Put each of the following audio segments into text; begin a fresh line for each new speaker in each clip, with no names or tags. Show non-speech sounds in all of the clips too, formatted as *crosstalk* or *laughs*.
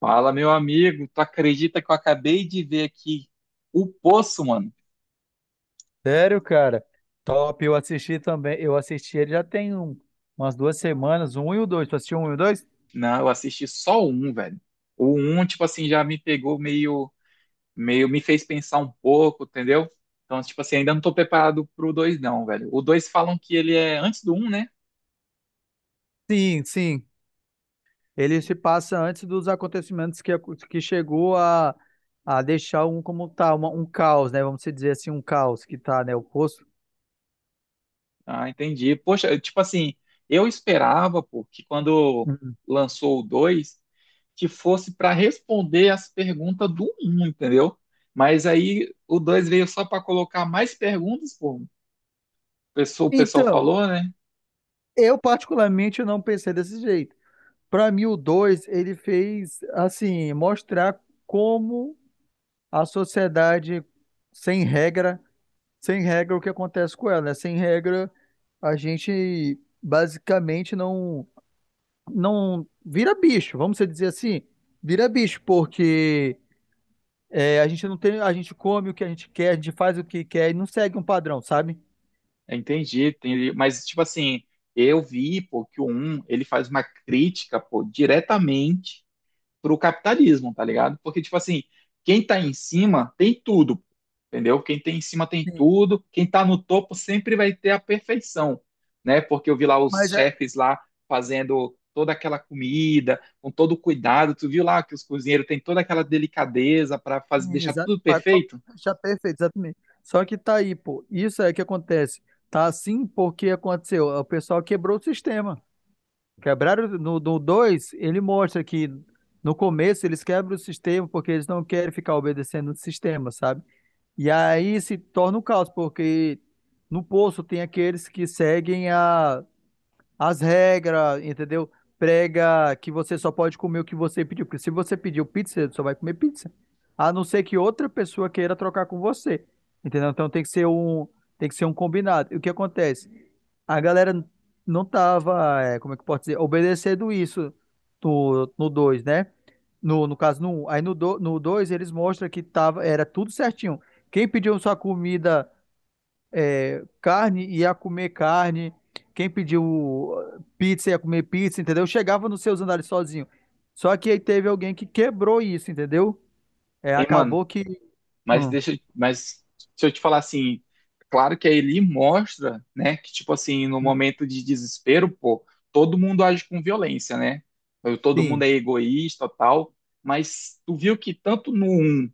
Fala, meu amigo, tu acredita que eu acabei de ver aqui o Poço, mano?
Sério, cara? Top, eu assisti também. Eu assisti ele já tem umas duas semanas, um e o dois. Tu assistiu um e o dois?
Não, eu assisti só o um, velho. O um, tipo assim, já me pegou meio, me fez pensar um pouco, entendeu? Então, tipo assim, ainda não tô preparado pro dois, não, velho. O dois falam que ele é antes do um, né?
Sim, sim. Ele se passa antes dos acontecimentos que, que chegou a deixar um como tá, um caos, né? Vamos dizer assim, um caos que tá, né? O poço.
Ah, entendi. Poxa, tipo assim, eu esperava, pô, que quando
Uhum.
lançou o dois, que fosse para responder as perguntas do um, entendeu? Mas aí o dois veio só para colocar mais perguntas, pô, o pessoal
Então,
falou, né?
eu particularmente não pensei desse jeito. Para mim, o 2, ele fez, assim, mostrar como a sociedade sem regra. Sem regra, o que acontece com ela, né? Sem regra, a gente basicamente não vira bicho, vamos dizer assim, vira bicho, porque é, a gente não tem, a gente come o que a gente quer, a gente faz o que quer e não segue um padrão, sabe?
Entendi, entendi. Mas, tipo assim, eu vi, pô, que o um ele faz uma crítica, pô, diretamente pro capitalismo, tá ligado? Porque, tipo assim, quem tá em cima tem tudo, entendeu? Quem tem em cima tem
Sim.
tudo, quem tá no topo sempre vai ter a perfeição, né? Porque eu vi lá os
Mas é,
chefes lá fazendo toda aquela comida, com todo o cuidado. Tu viu lá que os cozinheiros têm toda aquela delicadeza para fazer, deixar
exato,
tudo perfeito?
já perfeito, exatamente. Só que tá aí, pô, isso é que acontece. Tá assim porque aconteceu, o pessoal quebrou o sistema. Quebraram no 2, ele mostra que no começo eles quebram o sistema porque eles não querem ficar obedecendo o sistema, sabe? E aí se torna um caos, porque no poço tem aqueles que seguem as regras, entendeu? Prega que você só pode comer o que você pediu. Porque se você pediu pizza, você só vai comer pizza. A não ser que outra pessoa queira trocar com você. Entendeu? Então tem que ser um combinado. E o que acontece? A galera não tava, é, como é que eu posso dizer, obedecendo isso no 2, né? No caso, no 1. Aí no dois, eles mostram que tava, era tudo certinho. Quem pediu sua comida carne ia comer carne, quem pediu pizza ia comer pizza, entendeu? Chegava nos seus andares sozinho. Só que aí teve alguém que quebrou isso, entendeu? É,
Hein, mano?
acabou que.
Mas
Hum,
deixa, mas se eu te falar assim, claro que a Eli mostra, né, que tipo assim, no momento de desespero, pô, todo mundo age com violência, né? Todo mundo
sim,
é egoísta, tal, mas tu viu que tanto no 1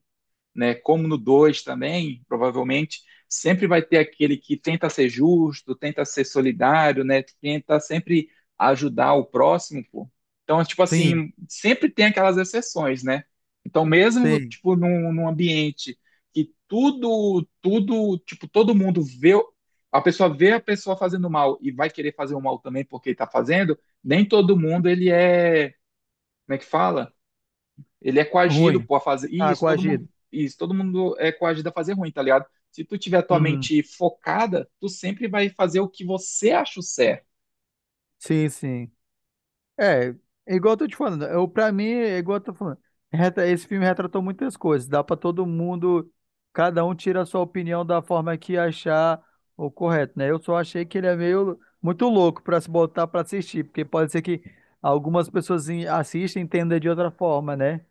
né? Como no 2 também, provavelmente, sempre vai ter aquele que tenta ser justo, tenta ser solidário, né? Tenta sempre ajudar o próximo, pô. Então, tipo
sim,
assim, sempre tem aquelas exceções, né? Então, mesmo
sim.
tipo num ambiente que tudo, tipo, todo mundo vê a pessoa fazendo mal e vai querer fazer o mal também porque está fazendo, nem todo mundo ele é, como é que fala? Ele é coagido
Ruim.
pô, fazer
Ah, coagido.
isso, todo mundo é coagido a fazer ruim, tá ligado? Se tu tiver tua
Uhum.
mente focada, tu sempre vai fazer o que você acha o certo.
Sim, sim. É, é igual eu tô te falando, eu, pra mim, é igual eu tô falando, esse filme retratou muitas coisas, dá pra todo mundo, cada um tira a sua opinião da forma que achar o correto, né? Eu só achei que ele é meio muito louco pra se botar pra assistir, porque pode ser que algumas pessoas assistem e entendam de outra forma, né?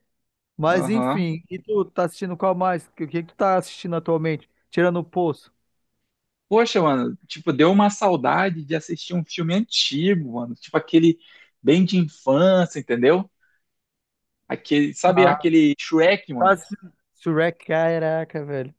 Mas
Aham.
enfim, e tu tá assistindo qual mais? O que tu tá assistindo atualmente? Tirando o Poço.
Poxa, mano, tipo, deu uma saudade de assistir um filme antigo, mano. Tipo aquele bem de infância, entendeu? Aquele, sabe
Ah,
aquele Shrek,
tá
mano?
assistindo Shrek, caraca, velho.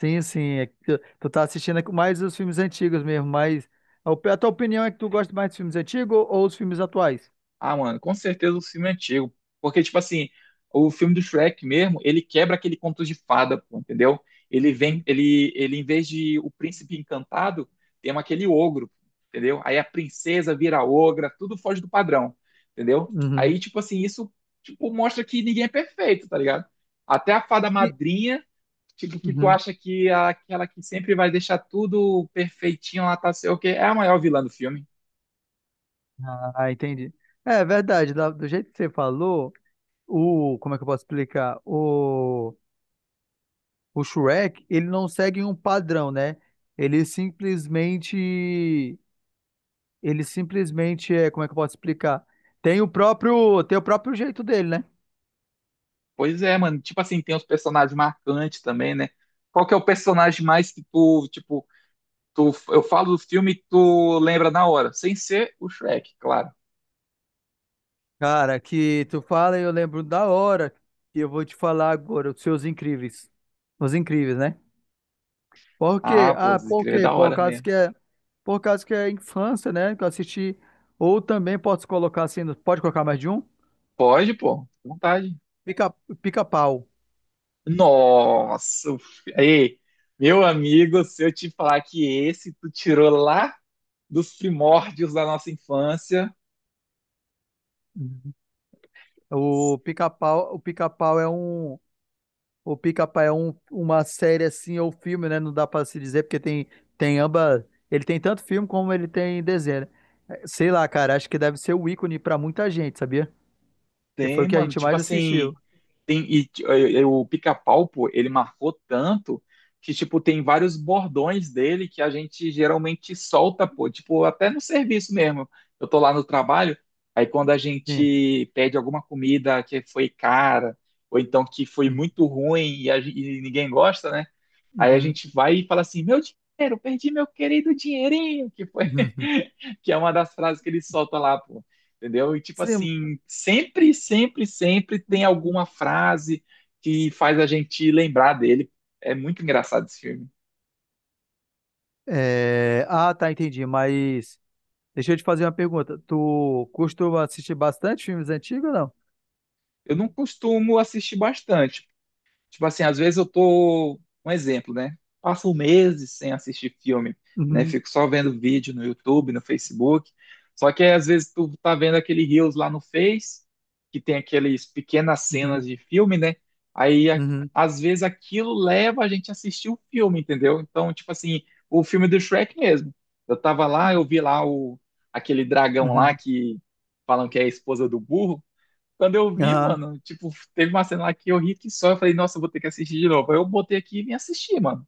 Sim, sim. É que tu tá assistindo mais os filmes antigos mesmo, mas a tua opinião é que tu gosta mais dos filmes antigos ou os filmes atuais?
Ah, mano, com certeza o filme é antigo. Porque, tipo assim, o filme do Shrek mesmo, ele quebra aquele conto de fada, pô, entendeu? Ele vem,
Uhum.
ele, em vez de o príncipe encantado, tem um aquele ogro, entendeu? Aí a princesa vira ogra, tudo foge do padrão, entendeu?
Uhum.
Aí, tipo assim, isso, tipo, mostra que ninguém é perfeito, tá ligado? Até a fada
E-
madrinha, tipo, que tu
uhum.
acha que é aquela que sempre vai deixar tudo perfeitinho, lá tá sei o quê, é a maior vilã do filme.
Ah, entendi. É verdade, do jeito que você falou, o, como é que eu posso explicar? O Shrek, ele não segue um padrão, né? Ele simplesmente, ele simplesmente é, como é que eu posso explicar? Tem o próprio jeito dele, né?
Pois é, mano. Tipo assim, tem os personagens marcantes também, né? Qual que é o personagem mais que tu, tipo, tu, eu falo do filme e tu lembra na hora? Sem ser o Shrek, claro.
Cara, que tu fala e eu lembro da hora que eu vou te falar agora, os seus incríveis. Os incríveis, né? Por quê?
Ah, pô,
Ah, por
escrever é
quê?
da
Por
hora
causa
mesmo.
que é, por causa que é infância, né? Que eu assisti. Ou também posso colocar assim, pode colocar mais de um?
Pode, pô, fica à vontade.
Pica, pica-pau.
Nossa, ei, meu amigo, se eu te falar que esse tu tirou lá dos primórdios da nossa infância,
Uhum. O pica-pau é um, o pica-pau é um, uma série assim ou filme, né? Não dá pra se dizer porque tem ambas, ele tem tanto filme como ele tem desenho, né? Sei lá, cara, acho que deve ser o ícone pra muita gente, sabia? Que foi o
tem,
que a
mano,
gente
tipo
mais
assim.
assistiu.
Tem, e o Pica-Pau, pô, ele marcou tanto que, tipo, tem vários bordões dele que a gente geralmente solta, pô, tipo, até no serviço mesmo. Eu tô lá no trabalho, aí quando a
Sim.
gente pede alguma comida que foi cara, ou então que foi
Uhum,
muito ruim e, e ninguém gosta, né? Aí a
uhum,
gente vai e fala assim: meu dinheiro, perdi meu querido dinheirinho, que foi,
uhum.
*laughs* que é uma das frases que ele solta lá, pô. Entendeu? E tipo
Sim.
assim, sempre tem
Hum, hum.
alguma frase que faz a gente lembrar dele. É muito engraçado esse filme.
É, ah, tá, entendi. Mas deixa eu te fazer uma pergunta. Tu costuma assistir bastante filmes antigos ou não?
Eu não costumo assistir bastante. Tipo assim, às vezes eu tô, um exemplo, né? Passo meses sem assistir filme, né?
Uhum,
Fico só vendo vídeo no YouTube, no Facebook. Só que às vezes tu tá vendo aquele Reels lá no Face, que tem aqueles pequenas
uhum,
cenas de filme, né? Aí a-
uhum,
às vezes aquilo leva a gente a assistir o filme, entendeu? Então, tipo assim, o filme do Shrek mesmo. Eu tava lá, eu vi lá o aquele dragão lá
uhum.
que falam que é a esposa do burro. Quando eu vi,
Aham.
mano, tipo, teve uma cena lá que eu ri que só, eu falei, nossa, eu vou ter que assistir de novo. Aí eu botei aqui e vim assistir, mano.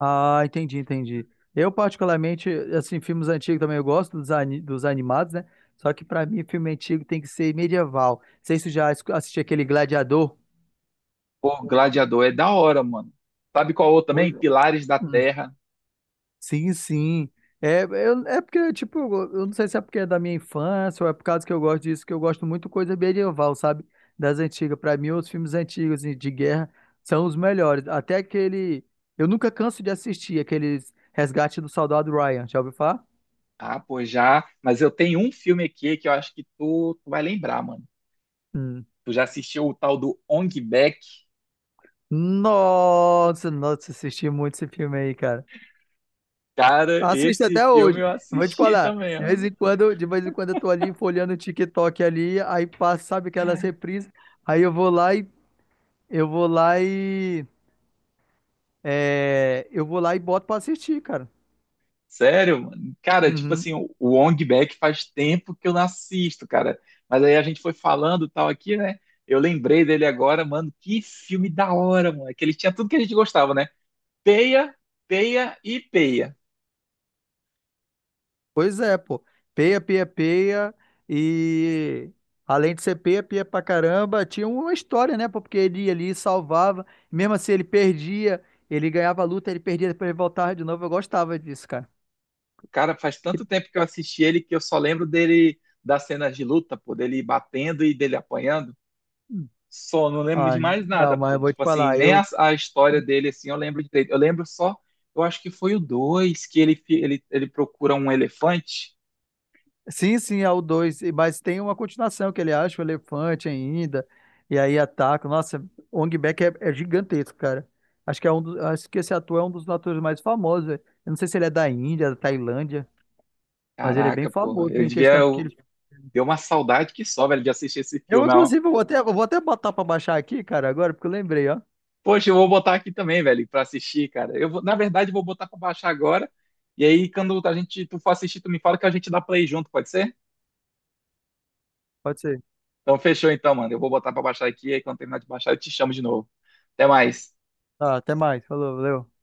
Ah, entendi, entendi. Eu, particularmente, assim, filmes antigos também eu gosto dos, dos animados, né? Só que pra mim, filme antigo tem que ser medieval. Não sei se tu já assistiu aquele Gladiador.
Pô, Gladiador é da hora, mano. Sabe qual outro
Pois
também?
é.
Pilares da Terra.
Sim, sim. É, eu, é porque, tipo, eu não sei se é porque é da minha infância ou é por causa que eu gosto disso, que eu gosto muito coisa medieval, sabe? Das antigas. Pra mim, os filmes antigos assim, de guerra são os melhores. Até aquele. Eu nunca canso de assistir aqueles Resgate do Soldado Ryan. Já ouviu falar?
Ah, pô, já. Mas eu tenho um filme aqui que eu acho que tu vai lembrar, mano.
Hum.
Tu já assistiu o tal do Ong Bak?
Nossa, nossa, assisti muito esse filme aí, cara.
Cara,
Assisto
esse
até
filme
hoje.
eu
Eu vou te
assisti
falar.
também,
De vez
ó.
em quando, de vez em quando eu tô ali folheando o TikTok ali, aí passa, sabe aquelas reprises. Aí eu vou lá e Eu vou lá e. é, eu vou lá e boto pra assistir, cara.
Sério, mano? Cara, tipo
Uhum.
assim, o Ong Bak faz tempo que eu não assisto, cara. Mas aí a gente foi falando tal aqui, né? Eu lembrei dele agora, mano. Que filme da hora, mano. Que ele tinha tudo que a gente gostava, né? Peia, peia e peia.
Pois é, pô. Peia, peia, peia. E além de ser peia, peia pra caramba, tinha uma história, né, pô? Porque ele ia ali salvava. Mesmo assim, ele perdia, ele ganhava a luta, ele perdia, depois ele voltava de novo. Eu gostava disso, cara.
O cara faz
E-
tanto tempo que eu assisti ele que eu só lembro dele das cenas de luta, pô, dele batendo e dele apanhando. Só não lembro de
Ai,
mais nada,
não, mas
pô.
eu vou te
Tipo assim,
falar,
nem a,
eu,
a história dele, assim, eu lembro direito. Eu lembro só, eu acho que foi o 2 que ele procura um elefante.
sim, sim, é o 2, mas tem uma continuação que ele acha o elefante ainda, e aí ataca. Nossa, o Ong Bak é gigantesco, cara. Acho que é um dos, acho que esse ator é um dos atores mais famosos, velho. Eu não sei se ele é da Índia, da Tailândia, mas ele é bem
Caraca, porra.
famoso
Eu
em
devia.
questão porque
Eu,
ele...
deu uma saudade que só, velho, de assistir esse filme. Ó.
Eu vou até botar pra baixar aqui, cara, agora, porque eu lembrei, ó.
Poxa, eu vou botar aqui também, velho, pra assistir, cara. Eu vou, na verdade, vou botar pra baixar agora. E aí, quando a gente, tu for assistir, tu me fala que a gente dá play junto, pode ser?
Pode ser.
Então, fechou então, mano. Eu vou botar pra baixar aqui. Aí, quando terminar de baixar, eu te chamo de novo. Até mais.
Tá, até mais. Falou, valeu.